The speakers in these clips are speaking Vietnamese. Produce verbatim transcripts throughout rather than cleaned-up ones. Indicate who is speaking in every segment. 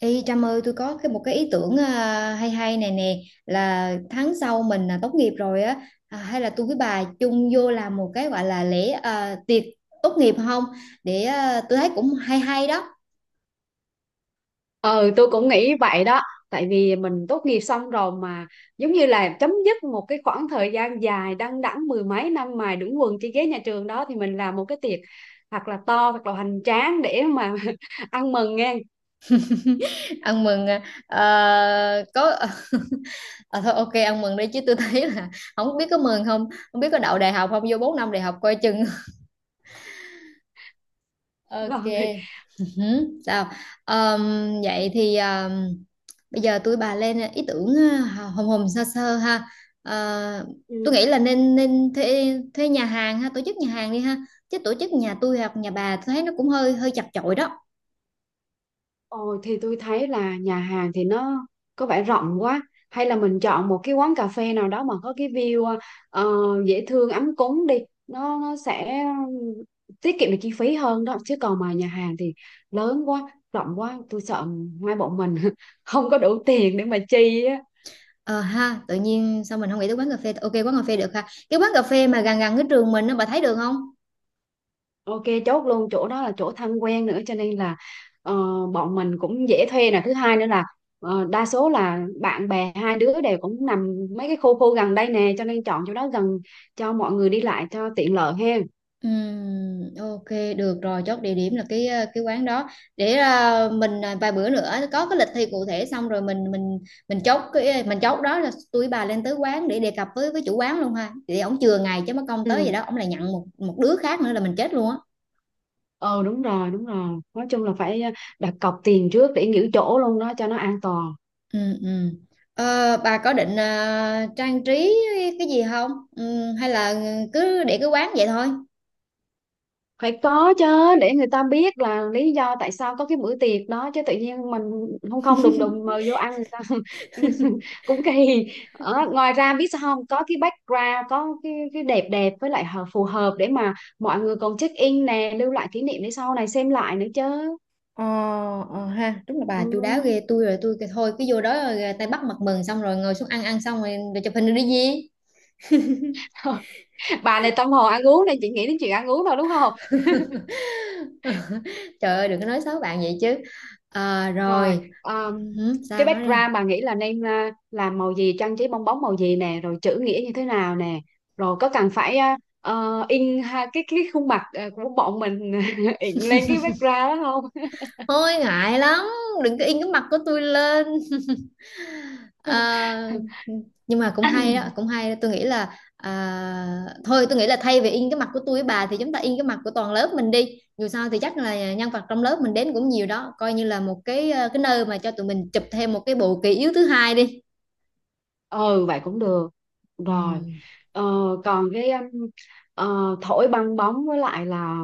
Speaker 1: Ê Trâm ơi, tôi có cái một cái ý tưởng, à, hay hay này nè. Là tháng sau mình à, tốt nghiệp rồi á. À, hay là tôi với bà chung vô làm một cái gọi là lễ, à, tiệc tốt nghiệp không? Để à, tôi thấy cũng hay hay đó.
Speaker 2: Ừ, tôi cũng nghĩ vậy đó. Tại vì mình tốt nghiệp xong rồi mà giống như là chấm dứt một cái khoảng thời gian dài đăng đẵng mười mấy năm mài đũng quần trên ghế nhà trường đó thì mình làm một cái tiệc thật là to, thật là hoành tráng để mà ăn mừng nghe.
Speaker 1: Ăn mừng. à, à, có. À, thôi, ok, ăn mừng đi chứ tôi thấy là không biết có mừng không, không biết có đậu đại học không, vô bốn năm đại học coi chừng. Ok.
Speaker 2: Rồi.
Speaker 1: Ừ, sao? Ờm, Vậy thì ờm, bây giờ tôi bà lên ý tưởng ờ, hồng hồng sơ sơ ha. Ờ, tôi
Speaker 2: Ừ.
Speaker 1: nghĩ là nên nên thuê thuê nhà hàng ha, tổ chức nhà hàng đi ha, chứ tổ chức nhà tôi hoặc nhà bà tôi thấy nó cũng hơi hơi chật chội đó.
Speaker 2: Ồ, thì tôi thấy là nhà hàng thì nó có vẻ rộng quá, hay là mình chọn một cái quán cà phê nào đó mà có cái view ờ, dễ thương, ấm cúng đi. Nó, nó sẽ tiết kiệm được chi phí hơn đó chứ còn mà nhà hàng thì lớn quá, rộng quá, tôi sợ hai bọn mình không có đủ tiền để mà chi á.
Speaker 1: Ờ ha, tự nhiên sao mình không nghĩ tới quán cà phê? Ok, quán cà phê được ha, cái quán cà phê mà gần gần cái trường mình nó, bà thấy được không?
Speaker 2: Ok, chốt luôn chỗ đó là chỗ thân quen nữa cho nên là ờ, bọn mình cũng dễ thuê nè, thứ hai nữa là ờ, đa số là bạn bè hai đứa đều cũng nằm mấy cái khu khu gần đây nè, cho nên chọn chỗ đó gần cho mọi người đi lại cho tiện lợi hen.
Speaker 1: Ừm, ok, được rồi. Chốt địa điểm là cái ờ, cái quán đó. Để ờ, mình ờ, vài bữa nữa có cái lịch thi cụ thể xong rồi mình mình mình chốt, cái mình chốt đó là tôi với bà lên tới quán để đề cập với với chủ quán luôn ha, thì ổng chừa ngày, chứ mất công tới vậy
Speaker 2: Ừ.
Speaker 1: đó ổng lại nhận một một đứa khác nữa là mình chết luôn á.
Speaker 2: ờ Đúng rồi, đúng rồi, nói chung là phải ờ, đặt cọc tiền trước để nghỉ chỗ luôn đó cho nó an toàn.
Speaker 1: Ừ, ừ. Ờ, bà có định ờ, trang trí cái gì không, ừ, hay là cứ để cái quán vậy thôi?
Speaker 2: Phải có chứ, để người ta biết là lý do tại sao có cái bữa tiệc đó chứ tự nhiên mình không không đùng đùng mời vô ăn người ta cũng kỳ. Ờ, ngoài ra biết sao không, có cái background, có cái cái đẹp đẹp với lại hợp- phù hợp để mà mọi người còn check in nè, lưu lại kỷ niệm để sau này xem lại nữa chứ.
Speaker 1: Ờ, ờ ha, đúng là
Speaker 2: Ừ.
Speaker 1: bà chu đáo ghê. Tôi rồi tôi kêu thôi cứ vô đó rồi ờ, tay bắt mặt mừng, xong rồi ngồi xuống ăn, ăn xong rồi, rồi chụp hình rồi đi gì.
Speaker 2: Bà này tâm hồn ăn uống này, chị nghĩ đến chuyện ăn uống thôi, đúng không?
Speaker 1: Trời ơi, đừng có nói xấu bạn vậy chứ. Ờ,
Speaker 2: Rồi,
Speaker 1: rồi.
Speaker 2: um,
Speaker 1: Hử,
Speaker 2: cái
Speaker 1: sao, nói đi.
Speaker 2: background bà nghĩ là nên uh, làm màu gì, trang trí bong bóng màu gì nè, rồi chữ nghĩa như thế nào nè, rồi có cần phải uh, ờ, in ha, cái cái khuôn mặt uh, của bọn mình in lên cái background đó không?
Speaker 1: Thôi ngại lắm, đừng có in cái mặt của tôi lên. Ờ, nhưng mà cũng hay đó, cũng hay đó. Tôi nghĩ là à, thôi tôi nghĩ là thay vì in cái mặt của tôi với bà thì chúng ta in cái mặt của toàn lớp mình đi. Dù sao thì chắc là nhân vật trong lớp mình đến cũng nhiều đó, coi như là một cái ờ, cái nơi mà cho tụi mình chụp thêm một cái bộ kỷ yếu thứ hai đi.
Speaker 2: Ừ vậy cũng được.
Speaker 1: Ừ.
Speaker 2: Rồi. ờ, Còn cái um, ờ, thổi bong bóng với lại là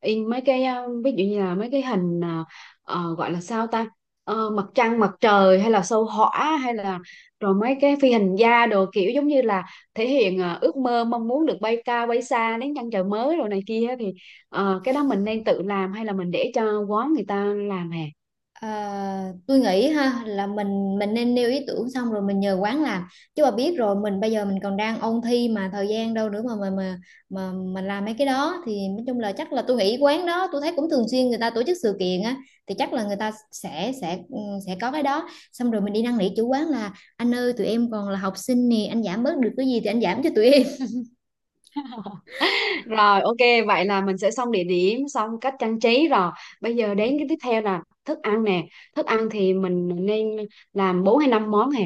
Speaker 2: in mấy cái ờ, ví dụ như là mấy cái hình ờ, ờ, gọi là sao ta. Ờ, mặt trăng, mặt trời hay là sao hỏa hay là rồi mấy cái phi hành gia đồ kiểu giống như là thể hiện ờ, ước mơ mong muốn được bay cao bay xa đến chân trời mới rồi này kia thì ờ, cái đó mình nên tự làm hay là mình để cho quán người ta làm hè.
Speaker 1: À, tôi nghĩ ha là mình mình nên nêu ý tưởng xong rồi mình nhờ quán làm, chứ mà biết rồi mình bây giờ mình còn đang ôn thi mà thời gian đâu nữa mà mà mà mà mình làm mấy cái đó. Thì nói chung là chắc là tôi nghĩ quán đó tôi thấy cũng thường xuyên người ta tổ chức sự kiện á, thì chắc là người ta sẽ sẽ ừ, sẽ có cái đó. Xong rồi mình đi năn nỉ chủ quán là anh ơi tụi em còn là học sinh nè, anh giảm bớt được cái gì thì anh giảm cho tụi em.
Speaker 2: Rồi ok, vậy là mình sẽ xong địa điểm, xong cách trang trí rồi. Bây giờ đến cái tiếp theo là thức ăn nè. Thức ăn thì mình nên làm bốn hay năm món hè.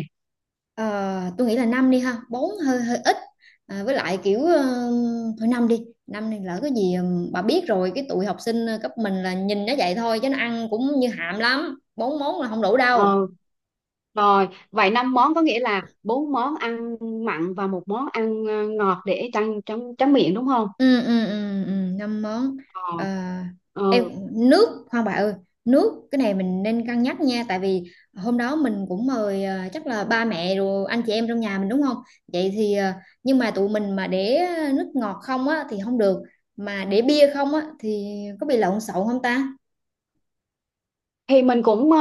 Speaker 1: Ờ, tôi nghĩ là năm đi ha, bốn hơi hơi ít, à, với lại kiểu ờ, thôi năm đi. Năm này lỡ cái gì, ừm, bà biết rồi, cái tụi học sinh ờ, cấp mình là nhìn nó vậy thôi chứ nó ăn cũng như hạm lắm, bốn món là không đủ đâu.
Speaker 2: Ờ, rồi, vậy năm món có nghĩa là bốn món ăn mặn và một món ăn ờ, ngọt để trăng trắng tráng miệng, đúng không?
Speaker 1: ừ ừ ừ ừ, Năm món. Ờ, em,
Speaker 2: Rồi.
Speaker 1: nước khoan bà ơi, nước cái này mình nên cân nhắc nha. Tại vì hôm đó mình cũng mời ờ, chắc là ba mẹ rồi anh chị em trong nhà mình đúng không? Vậy thì ờ, nhưng mà tụi mình mà để nước ngọt không á thì không được, mà để bia không á thì có bị lộn xộn không ta?
Speaker 2: Thì mình cũng ờ,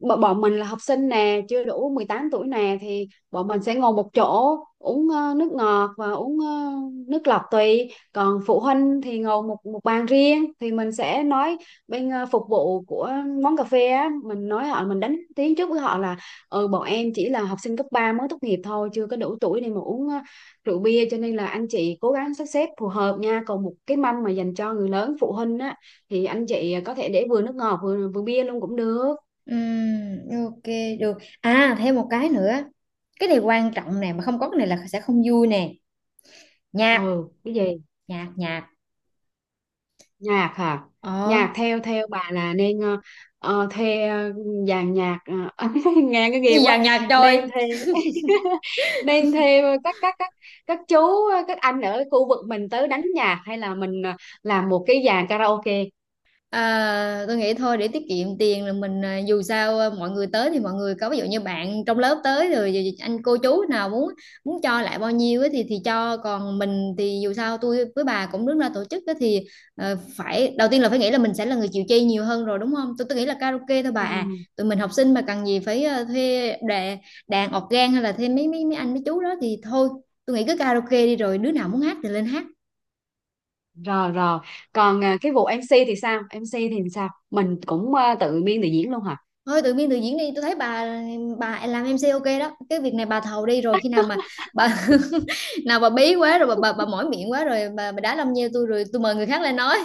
Speaker 2: b- bọn mình là học sinh nè, chưa đủ mười tám tuổi nè, thì bọn mình sẽ ngồi một chỗ uống ờ, nước ngọt và uống ờ, nước lọc tùy, còn phụ huynh thì ngồi một một bàn riêng thì mình sẽ nói bên ờ, phục vụ của món cà phê á, mình nói họ mình đánh tiếng trước với họ là ừ, bọn em chỉ là học sinh cấp ba mới tốt nghiệp thôi, chưa có đủ tuổi để mà uống ờ, rượu bia cho nên là anh chị cố gắng sắp xếp phù hợp nha, còn một cái mâm mà dành cho người lớn phụ huynh á thì anh chị có thể để vừa nước ngọt, vừa vừa bia luôn cũng được.
Speaker 1: Ừm, ok được. À, thêm một cái nữa, cái này quan trọng nè, mà không có cái này là sẽ không vui nè. Nhạc.
Speaker 2: Ừ, cái gì?
Speaker 1: Nhạc nhạc.
Speaker 2: Nhạc hả?
Speaker 1: Ờ.
Speaker 2: Nhạc theo theo bà là nên ờ, ờ, thuê ờ, dàn nhạc. ờ, Nghe cái ghê
Speaker 1: Gì vậy,
Speaker 2: quá.
Speaker 1: nhạc
Speaker 2: Nên
Speaker 1: trời.
Speaker 2: thuê nên thuê các các các các chú, các anh ở khu vực mình tới đánh nhạc, hay là mình ờ, làm một cái dàn karaoke.
Speaker 1: À, tôi nghĩ thôi để tiết kiệm tiền là mình, à, dù sao à, mọi người tới thì mọi người có, ví dụ như bạn trong lớp tới rồi rồi anh cô chú nào muốn muốn cho lại bao nhiêu ấy, thì thì cho, còn mình thì dù sao tôi với bà cũng đứng ra tổ chức ấy, thì ờ, phải đầu tiên là phải nghĩ là mình sẽ là người chịu chi nhiều hơn rồi đúng không. Tôi tôi nghĩ là karaoke thôi bà
Speaker 2: Ừ,
Speaker 1: à. Tụi mình học sinh mà cần gì phải ờ, thuê đàn, đàn organ hay là thuê mấy mấy mấy anh mấy chú đó thì thôi. Tôi nghĩ cứ karaoke đi rồi đứa nào muốn hát thì lên hát.
Speaker 2: rồi rồi, còn ờ, cái vụ em xê thì sao? em xê thì sao, mình cũng ờ, tự biên tự diễn luôn hả?
Speaker 1: Thôi tự biên tự diễn đi. Tôi thấy bà bà làm em MC ok đó, cái việc này bà thầu đi. Rồi khi nào mà bà nào bà bí quá rồi bà, bà, bà mỏi miệng quá rồi bà, bà đá lâm nheo tôi rồi tôi mời người khác lên nói.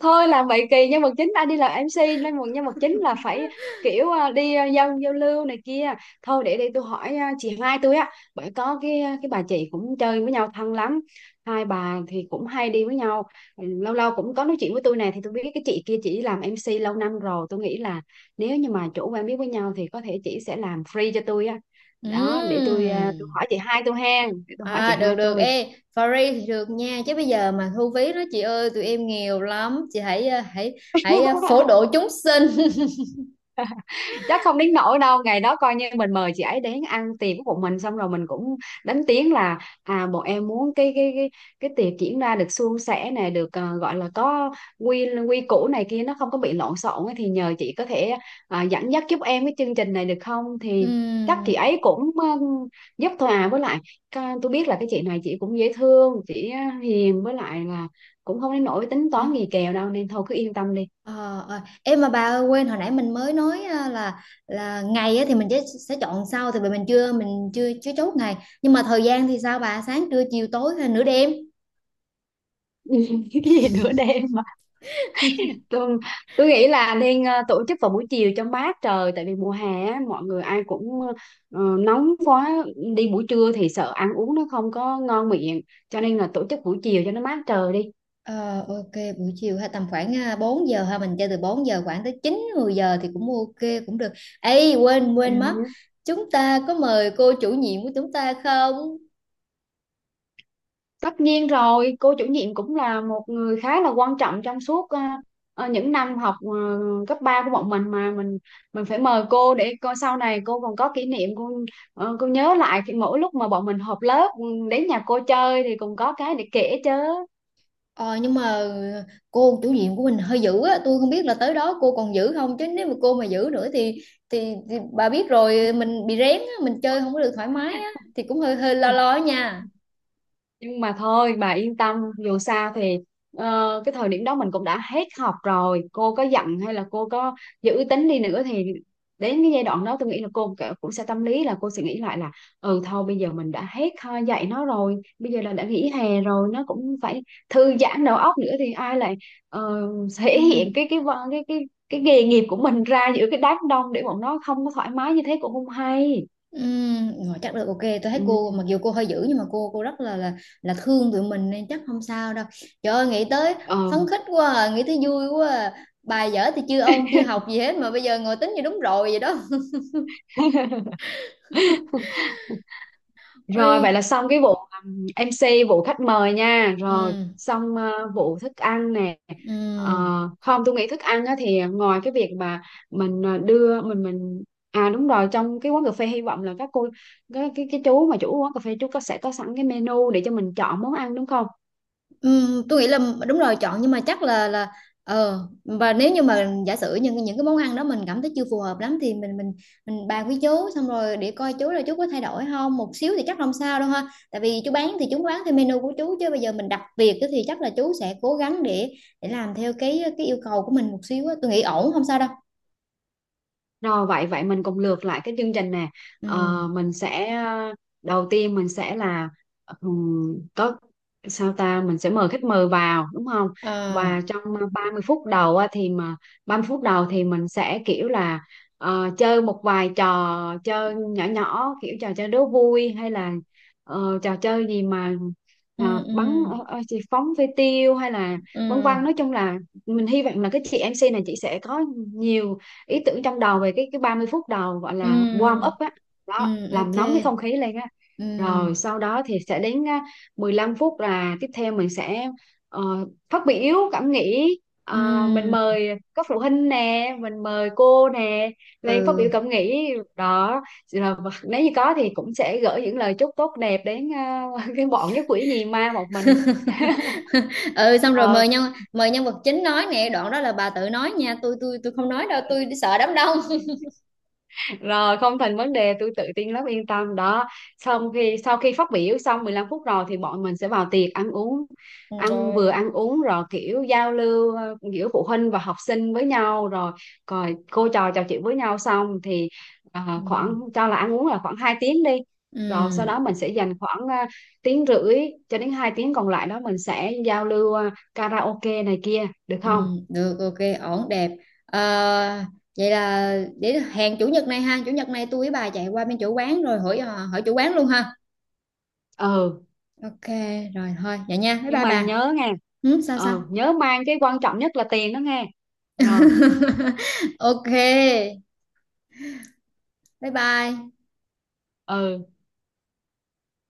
Speaker 2: Thôi làm vậy kỳ, nhân vật chính ai đi làm em xê, nên một nhân vật chính là phải kiểu à, đi à, giao giao lưu này kia. Thôi để đi tôi hỏi à, chị Mai tôi á, bởi có cái ờ, cái bà chị cũng chơi với nhau thân lắm, hai bà thì cũng hay đi với nhau. Ừ, lâu lâu cũng có nói chuyện với tôi này thì tôi biết cái chị kia chỉ làm em xê lâu năm rồi, tôi nghĩ là nếu như mà chủ quen biết với nhau thì có thể chị sẽ làm free cho tôi á. Đó, để tôi à, tôi
Speaker 1: Ừm.
Speaker 2: hỏi chị hai tôi hen, để tôi hỏi chị
Speaker 1: À, được
Speaker 2: hai
Speaker 1: được,
Speaker 2: tôi.
Speaker 1: ê free thì được nha, chứ bây giờ mà thu phí đó chị ơi, tụi em nghèo lắm chị, hãy ờ, hãy hãy ờ, phổ độ chúng sinh.
Speaker 2: Chắc không đến nỗi đâu, ngày đó coi như mình mời chị ấy đến ăn tiệc của bọn mình xong rồi mình cũng đánh tiếng là à bọn em muốn cái cái cái cái tiệc diễn ra được suôn sẻ này, được ờ, gọi là có quy quy củ này kia, nó không có bị lộn xộn ấy, thì nhờ chị có thể à, dẫn dắt giúp em cái chương trình này được không, thì chắc chị ấy cũng ờ, giúp thôi à. Với lại ca- tôi biết là cái chị này chị cũng dễ thương, chị ờ, hiền với lại là cũng không đến nỗi tính
Speaker 1: Ừm.
Speaker 2: toán gì kèo đâu, nên thôi cứ yên tâm đi.
Speaker 1: Ờ, ờ. Em mà bà ơi, quên hồi nãy mình mới nói à, là là ngày á, thì mình sẽ, sẽ chọn sau. Thì vì mình chưa, mình chưa chưa chốt ngày, nhưng mà thời gian thì sao bà, sáng trưa chiều tối hay nửa đêm?
Speaker 2: Cái gì nửa đêm? tôi, tôi nghĩ là nên ờ, tổ chức vào buổi chiều cho mát trời, tại vì mùa hè á, mọi người ai cũng ờ, nóng quá, đi buổi trưa thì sợ ăn uống nó không có ngon miệng, cho nên là tổ chức buổi chiều cho nó mát trời đi.
Speaker 1: Ờ, ok, buổi chiều hay tầm khoảng à, bốn giờ ha, mình chơi từ bốn giờ khoảng tới chín mười giờ thì cũng ok cũng được. Ê, quên quên mất,
Speaker 2: Ừ.
Speaker 1: chúng ta có mời cô chủ nhiệm của chúng ta không?
Speaker 2: Tất nhiên rồi, cô chủ nhiệm cũng là một người khá là quan trọng trong suốt ờ, ờ, những năm học ờ, cấp ba của bọn mình, mà mình mình phải mời cô để coi sau này cô còn có kỷ niệm, cô ờ, cô nhớ lại khi mỗi lúc mà bọn mình họp lớp, ừ, đến nhà cô chơi thì cũng có cái để kể chứ.
Speaker 1: Ờ, nhưng mà cô chủ nhiệm của mình hơi dữ á, tôi không biết là tới đó cô còn dữ không, chứ nếu mà cô mà dữ nữa thì thì, thì bà biết rồi, mình bị rén á, mình chơi không có được thoải mái á, thì cũng hơi hơi lo lo á nha.
Speaker 2: Nhưng mà thôi bà yên tâm, dù sao thì ờ, cái thời điểm đó mình cũng đã hết học rồi, cô có giận hay là cô có giữ tính đi nữa thì đến cái giai đoạn đó tôi nghĩ là cô cả- cũng sẽ tâm lý, là cô sẽ nghĩ lại là ừ thôi bây giờ mình đã hết ờ, dạy nó rồi, bây giờ là đã nghỉ hè rồi, nó cũng phải thư giãn đầu óc nữa thì ai lại ờ, thể
Speaker 1: Ừ.
Speaker 2: hiện cái cái vợ- cái cái cái nghề nghiệp của mình ra giữa cái đám đông để bọn nó không có thoải mái như thế cũng không hay.
Speaker 1: Ừ, rồi, chắc được. Ok, tôi thấy cô
Speaker 2: Ừ.
Speaker 1: mặc dù cô hơi dữ nhưng mà cô cô rất là là là thương tụi mình nên chắc không sao đâu. Trời ơi nghĩ tới
Speaker 2: Ờ.
Speaker 1: phấn khích quá, à, nghĩ tới vui quá, à. Bài dở thì chưa ôn chưa học gì hết mà bây giờ ngồi tính như đúng rồi vậy đó.
Speaker 2: Rồi vậy
Speaker 1: Ôi.
Speaker 2: là xong cái vụ um, em xê, vụ khách mời nha. Rồi
Speaker 1: Ừ.
Speaker 2: xong ờ, vụ thức ăn nè. Ờ,
Speaker 1: Ừ.
Speaker 2: không tôi nghĩ thức ăn á, thì ngoài cái việc mà mình ờ, đưa mình mình à đúng rồi, trong cái quán cà phê hy vọng là các cô cái cái, cái chú mà chủ quán cà phê chú có sẽ có sẵn cái menu để cho mình chọn món ăn, đúng không?
Speaker 1: Ừm, tôi nghĩ là đúng rồi, chọn. Nhưng mà chắc là là ờ, và nếu như mà giả sử những những cái món ăn đó mình cảm thấy chưa phù hợp lắm thì mình mình mình bàn với chú xong rồi để coi chú là chú có thay đổi không một xíu thì chắc không sao đâu ha. Tại vì chú bán thì chú bán theo menu của chú, chứ bây giờ mình đặt việc á thì chắc là chú sẽ cố gắng để để làm theo cái cái yêu cầu của mình một xíu á. Tôi nghĩ ổn, không sao đâu.
Speaker 2: Rồi vậy vậy mình cùng lược lại cái chương trình nè. Ờ,
Speaker 1: Ừ.
Speaker 2: mình sẽ đầu tiên mình sẽ là ừm, có sao ta, mình sẽ mời khách mời vào, đúng không?
Speaker 1: À.
Speaker 2: Và trong ờ, ba mươi phút đầu á, thì mà ba mươi phút đầu thì mình sẽ kiểu là ờ, chơi một vài trò chơi nhỏ nhỏ, kiểu trò chơi đố vui hay là ờ, trò chơi gì mà
Speaker 1: Ừ
Speaker 2: ờ,
Speaker 1: ừ
Speaker 2: bắn ờ, ờ, gì phóng phi tiêu hay là vân vân,
Speaker 1: ừ
Speaker 2: nói chung là mình hy vọng là cái chị em MC này chị sẽ có nhiều ý tưởng trong đầu về cái cái ba mươi phút đầu gọi là warm
Speaker 1: ừ
Speaker 2: up á,
Speaker 1: ừ.
Speaker 2: đó làm
Speaker 1: Ok.
Speaker 2: nóng cái không khí lên á.
Speaker 1: Ừ
Speaker 2: Rồi sau đó thì sẽ đến à, mười lăm phút là tiếp theo, mình sẽ ờ, phát biểu cảm nghĩ. Ờ, mình
Speaker 1: ừ
Speaker 2: mời các phụ huynh nè, mình mời cô nè lên phát
Speaker 1: ừ.
Speaker 2: biểu cảm nghĩ đó, rồi nếu như có thì cũng sẽ gửi những lời chúc tốt đẹp đến à, cái bọn nhất quỷ nhì ma một mình.
Speaker 1: Ừ, xong rồi
Speaker 2: Ờ,
Speaker 1: mời nhân, mời nhân vật chính nói nè, đoạn đó là bà tự nói nha, tôi tôi tôi không nói đâu, tôi sợ đám đông.
Speaker 2: rồi không thành vấn đề, tôi tự tin lắm, yên tâm đó. Xong khi sau khi phát biểu xong mười lăm phút rồi thì bọn mình sẽ vào tiệc ăn uống,
Speaker 1: Ừ,
Speaker 2: ăn
Speaker 1: rồi.
Speaker 2: vừa ăn uống rồi kiểu giao lưu ờ, giữa phụ huynh và học sinh với nhau, rồi rồi cô trò trò chuyện với nhau xong thì ờ,
Speaker 1: Ừ.
Speaker 2: khoảng cho là ăn uống là khoảng hai tiếng đi. Rồi sau đó
Speaker 1: Ừ.
Speaker 2: mình sẽ dành khoảng ờ, tiếng rưỡi cho đến hai tiếng còn lại đó, mình sẽ giao lưu ờ, karaoke này kia được
Speaker 1: Ừ.
Speaker 2: không?
Speaker 1: Được, ok, ổn đẹp. Ờ, vậy là để hẹn chủ nhật này ha, chủ nhật này tôi với bà chạy qua bên chủ quán rồi hỏi, ờ, hỏi chủ quán luôn ha.
Speaker 2: Ừ,
Speaker 1: Ok, rồi thôi vậy nha, bye
Speaker 2: nhưng
Speaker 1: bye
Speaker 2: mà
Speaker 1: bà.
Speaker 2: nhớ nghe,
Speaker 1: Ừ, sao sao?
Speaker 2: ờ nhớ mang cái quan trọng nhất là tiền đó nghe. Rồi.
Speaker 1: Ok, bye bye.
Speaker 2: Ừ.